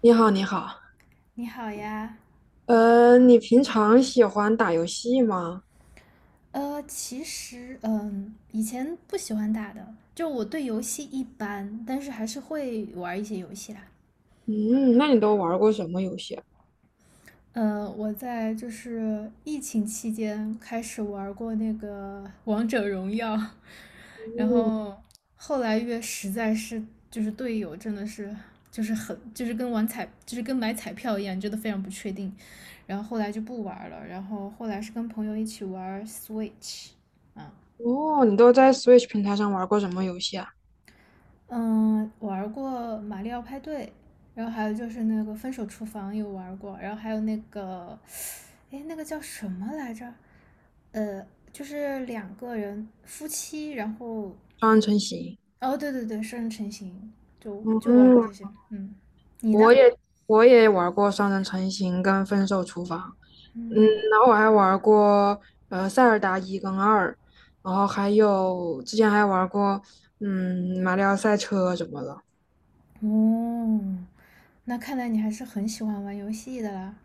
你好，你好，你好呀。你平常喜欢打游戏吗？其实，以前不喜欢打的，就我对游戏一般，但是还是会玩一些游戏啦。嗯，那你都玩过什么游戏啊？我在就是疫情期间开始玩过那个王者荣耀，然嗯，后后来越实在是就是队友真的是就是很就是跟玩彩就是跟买彩票一样，真的非常不确定，然后后来就不玩了，然后后来是跟朋友一起玩 Switch,啊。哦，你都在 Switch 平台上玩过什么游戏啊？嗯，玩过《马里奥派对》，然后还有就是那个《分手厨房》有玩过，然后还有那个，哎，那个叫什么来着？呃，就是两个人夫妻，然后，双人成行。哦，对对对，双人成行，就玩过嗯，这些。嗯，你呢？我也我也玩过双人成行跟分手厨房。嗯，嗯，然后我还玩过塞尔达一跟二，然后还有之前还玩过马里奥赛车什么的。哦，那看来你还是很喜欢玩游戏的啦。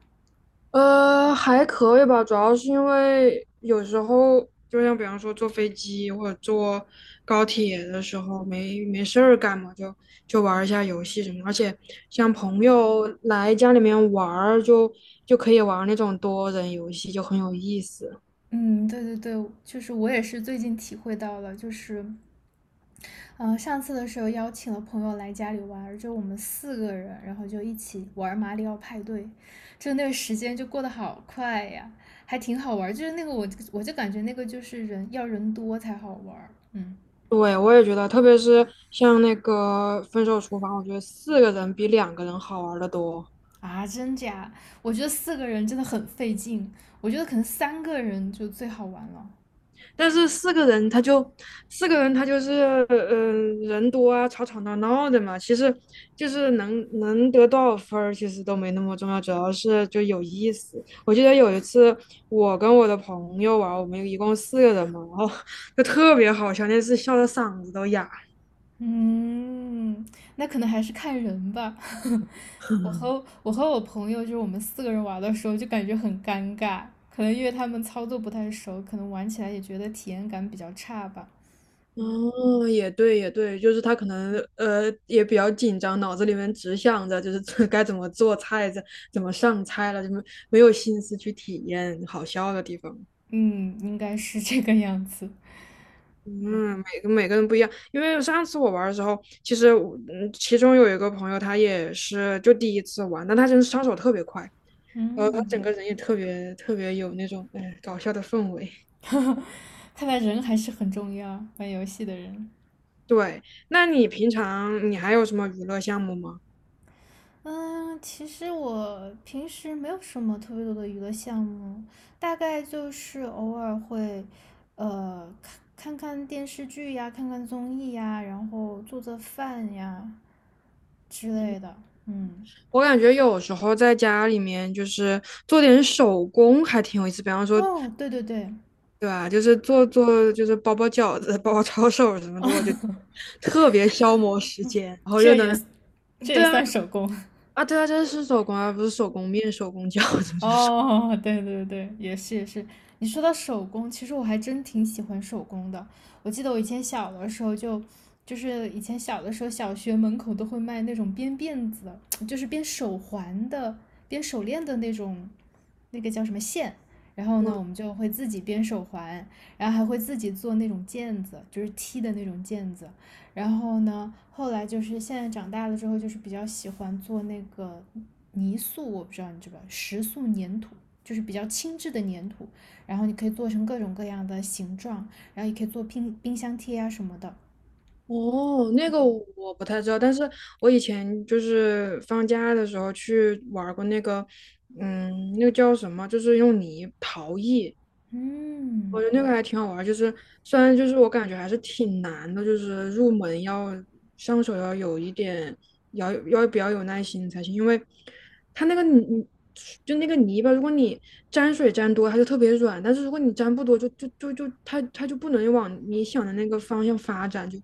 还可以吧，主要是因为有时候，就像比方说坐飞机或者坐高铁的时候，没事儿干嘛，就玩儿一下游戏什么。而且像朋友来家里面玩儿，就可以玩儿那种多人游戏，就很有意思。嗯，对对对，就是我也是最近体会到了，就是嗯，上次的时候邀请了朋友来家里玩儿，就我们四个人，然后就一起玩马里奥派对，就那个时间就过得好快呀，还挺好玩就是那个我就感觉那个就是人要人多才好玩嗯对，我也觉得，特别是像那个《分手厨房》，我觉得四个人比两个人好玩的多。啊，真假？我觉得四个人真的很费劲，我觉得可能三个人就最好玩了。但是四个人他就四个人他就是人多啊，吵吵闹闹的嘛。其实就是能得多少分儿，其实都没那么重要，主要是就有意思。我记得有一次我跟我的朋友玩我们一共四个人嘛，然后就特别好笑，那次笑的嗓子都哑。嗯，那可能还是看人吧。我和我朋友，就是我们四个人玩的时候，就感觉很尴尬，可能因为他们操作不太熟，可能玩起来也觉得体验感比较差吧。嗯哦，也对，也对，就是他可能也比较紧张，脑子里面只想着就是 该怎么做菜，怎么上菜了，就没有心思去体验好笑的地方。嗯，应该是这个样子。嗯，每个人不一样，因为上次我玩儿的时候，其实我其中有一个朋友他也是就第一次玩，但他真是上手特别快，然后他整嗯，个人也特别特别有那种哎搞笑的氛围。看来人还是很重要，玩游戏的人。对，那你平常你还有什么娱乐项目吗？嗯，其实我平时没有什么特别多的娱乐项目，大概就是偶尔会，呃，看看电视剧呀，看看综艺呀，然后做做饭呀之类的。嗯，我感觉有时候在家里面就是做点手工还挺有意思，比方说，哦，对对对，对吧？就是做做就是包饺子、包抄手什么的，我就特别消磨时间，然 后又这能。也这也对啊，算手工。啊，对啊，这是手工啊，不是手工面、手工饺子，就是手。哦，对对对，也是也是。你说到手工，其实我还真挺喜欢手工的。我记得我以前小的时候就是以前小的时候，小学门口都会卖那种编辫子的，就是编手环的、编手链的那种，那个叫什么线。然 后呢，我工。们就会自己编手环，然后还会自己做那种毽子，就是踢的那种毽子。然后呢，后来就是现在长大了之后，就是比较喜欢做那个泥塑，我不知道你知不知道，石塑粘土，就是比较轻质的粘土，然后你可以做成各种各样的形状，然后也可以做冰箱贴啊什么的。哦，那个我不太知道，但是我以前就是放假的时候去玩儿过那个，嗯，那个叫什么，就是用泥陶艺，嗯我觉得那个还挺好玩儿，就是虽然就是我感觉还是挺难的，就是入门要上手要有一点，要比较有耐心才行，因为它那个泥就那个泥巴，如果你沾水沾多，它就特别软，但是如果你沾不多，就它就不能往你想的那个方向发展，就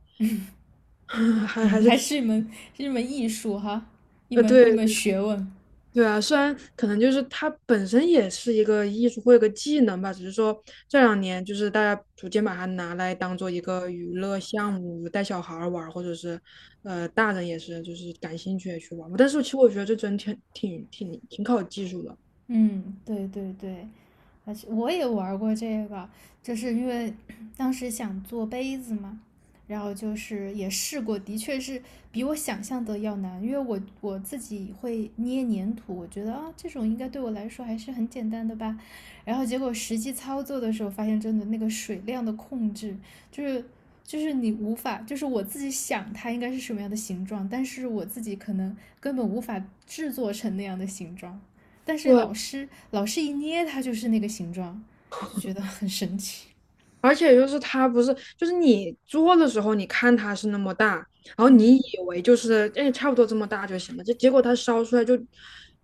还嗯，是还挺是一门是一门艺术哈，一门一对门学问。对啊，虽然可能就是它本身也是一个艺术或一个技能吧，只是说这两年就是大家逐渐把它拿来当做一个娱乐项目，带小孩儿玩儿或者是大人也是就是感兴趣也去玩儿。但是其实我觉得这真挺考技术的。嗯，对对对，而且我也玩过这个，就是因为 当时想做杯子嘛，然后就是也试过，的确是比我想象的要难，因为我自己会捏粘土，我觉得啊这种应该对我来说还是很简单的吧，然后结果实际操作的时候发现，真的那个水量的控制就是。就是你无法，就是我自己想它应该是什么样的形状，但是我自己可能根本无法制作成那样的形状。但是对，老师一捏它就是那个形状，就觉得很神奇。而且就是它不是就是你做的时候，你看它是那么大，然后嗯，你以为就是哎差不多这么大就行了，这结果它烧出来就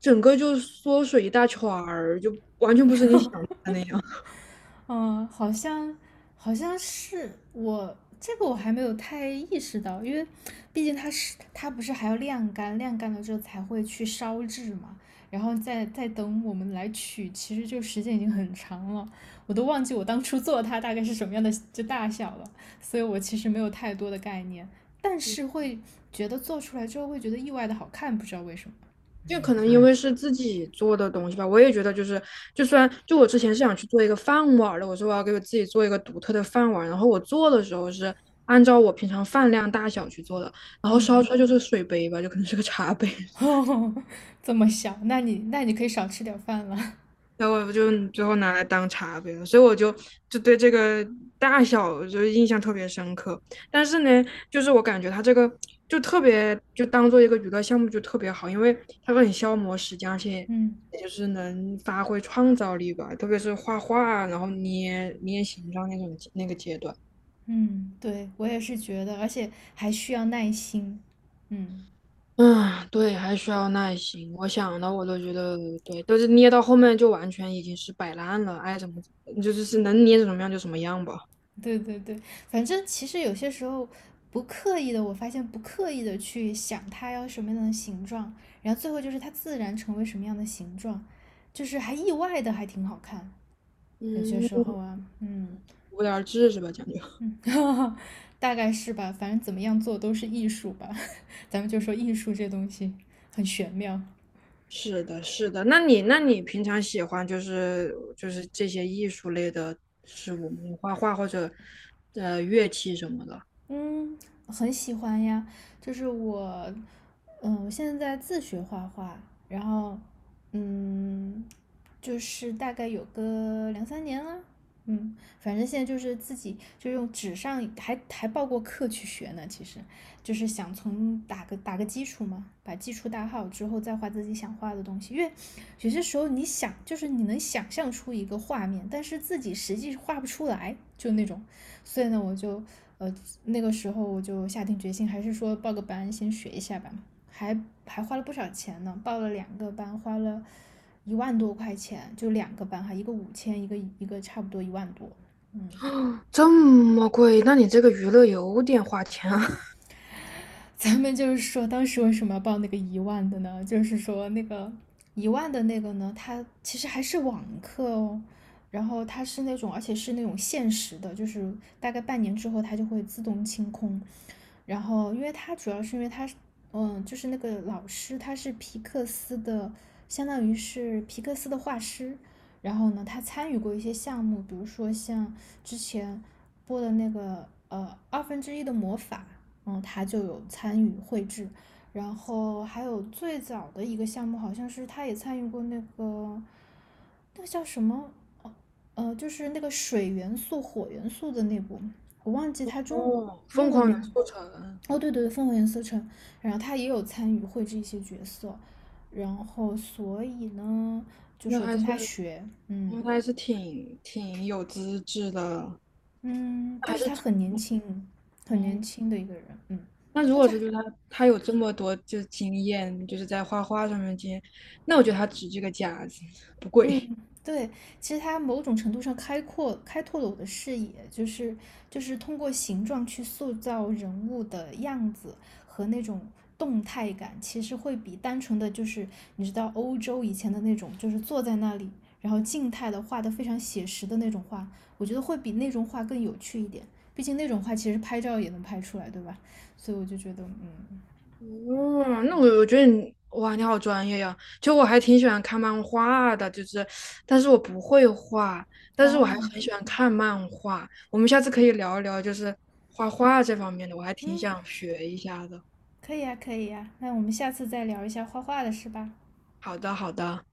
整个就缩水一大圈儿，就完全不是你想的那样。嗯，好像好像是我这个我还没有太意识到，因为毕竟它不是还要晾干，晾干了之后才会去烧制嘛，然后再等我们来取，其实就时间已经很长了，我都忘记我当初做它大概是什么样的就大小了，所以我其实没有太多的概念，但是会觉得做出来之后会觉得意外的好看，不知道为什么。就可能因为是自己做的东西吧，嗯我也觉得就是，就算就我之前是想去做一个饭碗的，我说我要给我自己做一个独特的饭碗然后我做的时候是按照我平常饭量大小去做的，然后烧嗯 出来就是水杯吧，就可能是个茶杯。这么小，那你可以少吃点饭了。然后我就最后拿来当茶杯了，所以我就就对这个大小就是印象特别深刻。但是呢，就是我感觉它这个就特别就当做一个娱乐项目就特别好，因为它很消磨时间，而且嗯也就是能发挥创造力吧，特别是画画啊，然后捏捏形状那种那个阶段。嗯，对我也是觉得，而且还需要耐心。嗯，嗯，对，还需要耐心。我想到我都觉得，对，都是捏到后面就完全已经是摆烂了，爱怎么怎么，就是是能捏成什么样就什么样吧。对对对，反正其实有些时候不刻意的，我发现不刻意的去想它要什么样的形状，然后最后就是它自然成为什么样的形状，就是还意外的还挺好看。有些时嗯。候啊，嗯无聊至是吧？讲究。嗯，大概是吧，反正怎么样做都是艺术吧，咱们就说艺术这东西很玄妙。是的，是的。那你，那你平常喜欢就是就是这些艺术类的事物吗？画画或者乐器什么的？嗯，很喜欢呀，就是我，我现在在自学画画，然后，嗯，就是大概有个两三年了，反正现在就是自己就用纸上还报过课去学呢，其实就是想从打个基础嘛，把基础打好之后再画自己想画的东西，因为有些时候你想就是你能想象出一个画面，但是自己实际画不出来，就那种。所以呢，呃那个时候我就下定决心，还是说报个班先学一下吧，还还花了不少钱呢，报了两个班，花了1万多块钱，就两个班哈，一个5000，一个差不多一万多，嗯，这么贵？那你这个娱乐有点花钱啊。咱们就是说，当时为什么要报那个一万的呢？就是说那个一万的那个呢，它其实还是网课哦，然后它是那种，而且是那种限时的，就是大概半年之后它就会自动清空。然后，因为它主要是因为它，就是那个老师他是皮克斯的，相当于是皮克斯的画师。然后呢，他参与过一些项目，比如说像之前播的那个二分之一的魔法，嗯，他就有参与绘制。然后还有最早的一个项目，好像是他也参与过那个，那个叫什么？哦，就是那个水元素、火元素的那部，我忘记他中哦，英疯文狂元名。素城，哦，对对对，《烽火连四城》，然后他也有参与绘制一些角色，然后所以呢，就那说还跟是他学，嗯那还是挺挺有资质的，嗯，还但是是他很年轻，很年嗯。轻的一个人，嗯，那如但果是是就是他他有这么多就是经验，就是在画画上面经验，那我觉得他值这个价子，不嗯，贵。对，其实它某种程度上开阔开拓了我的视野，就是就是通过形状去塑造人物的样子和那种动态感，其实会比单纯的就是你知道欧洲以前的那种，就是坐在那里，然后静态的画的非常写实的那种画，我觉得会比那种画更有趣一点。毕竟那种画其实拍照也能拍出来，对吧？所以我就觉得，嗯，哦，那我我觉得你哇，你好专业呀！就我还挺喜欢看漫画的，就是，但是我不会画，但是我还哦，很喜欢看漫画。我们下次可以聊一聊，就是画画这方面的，我还挺嗯，想学一下的。可以呀，可以呀，那我们下次再聊一下画画的事吧。好的，好的。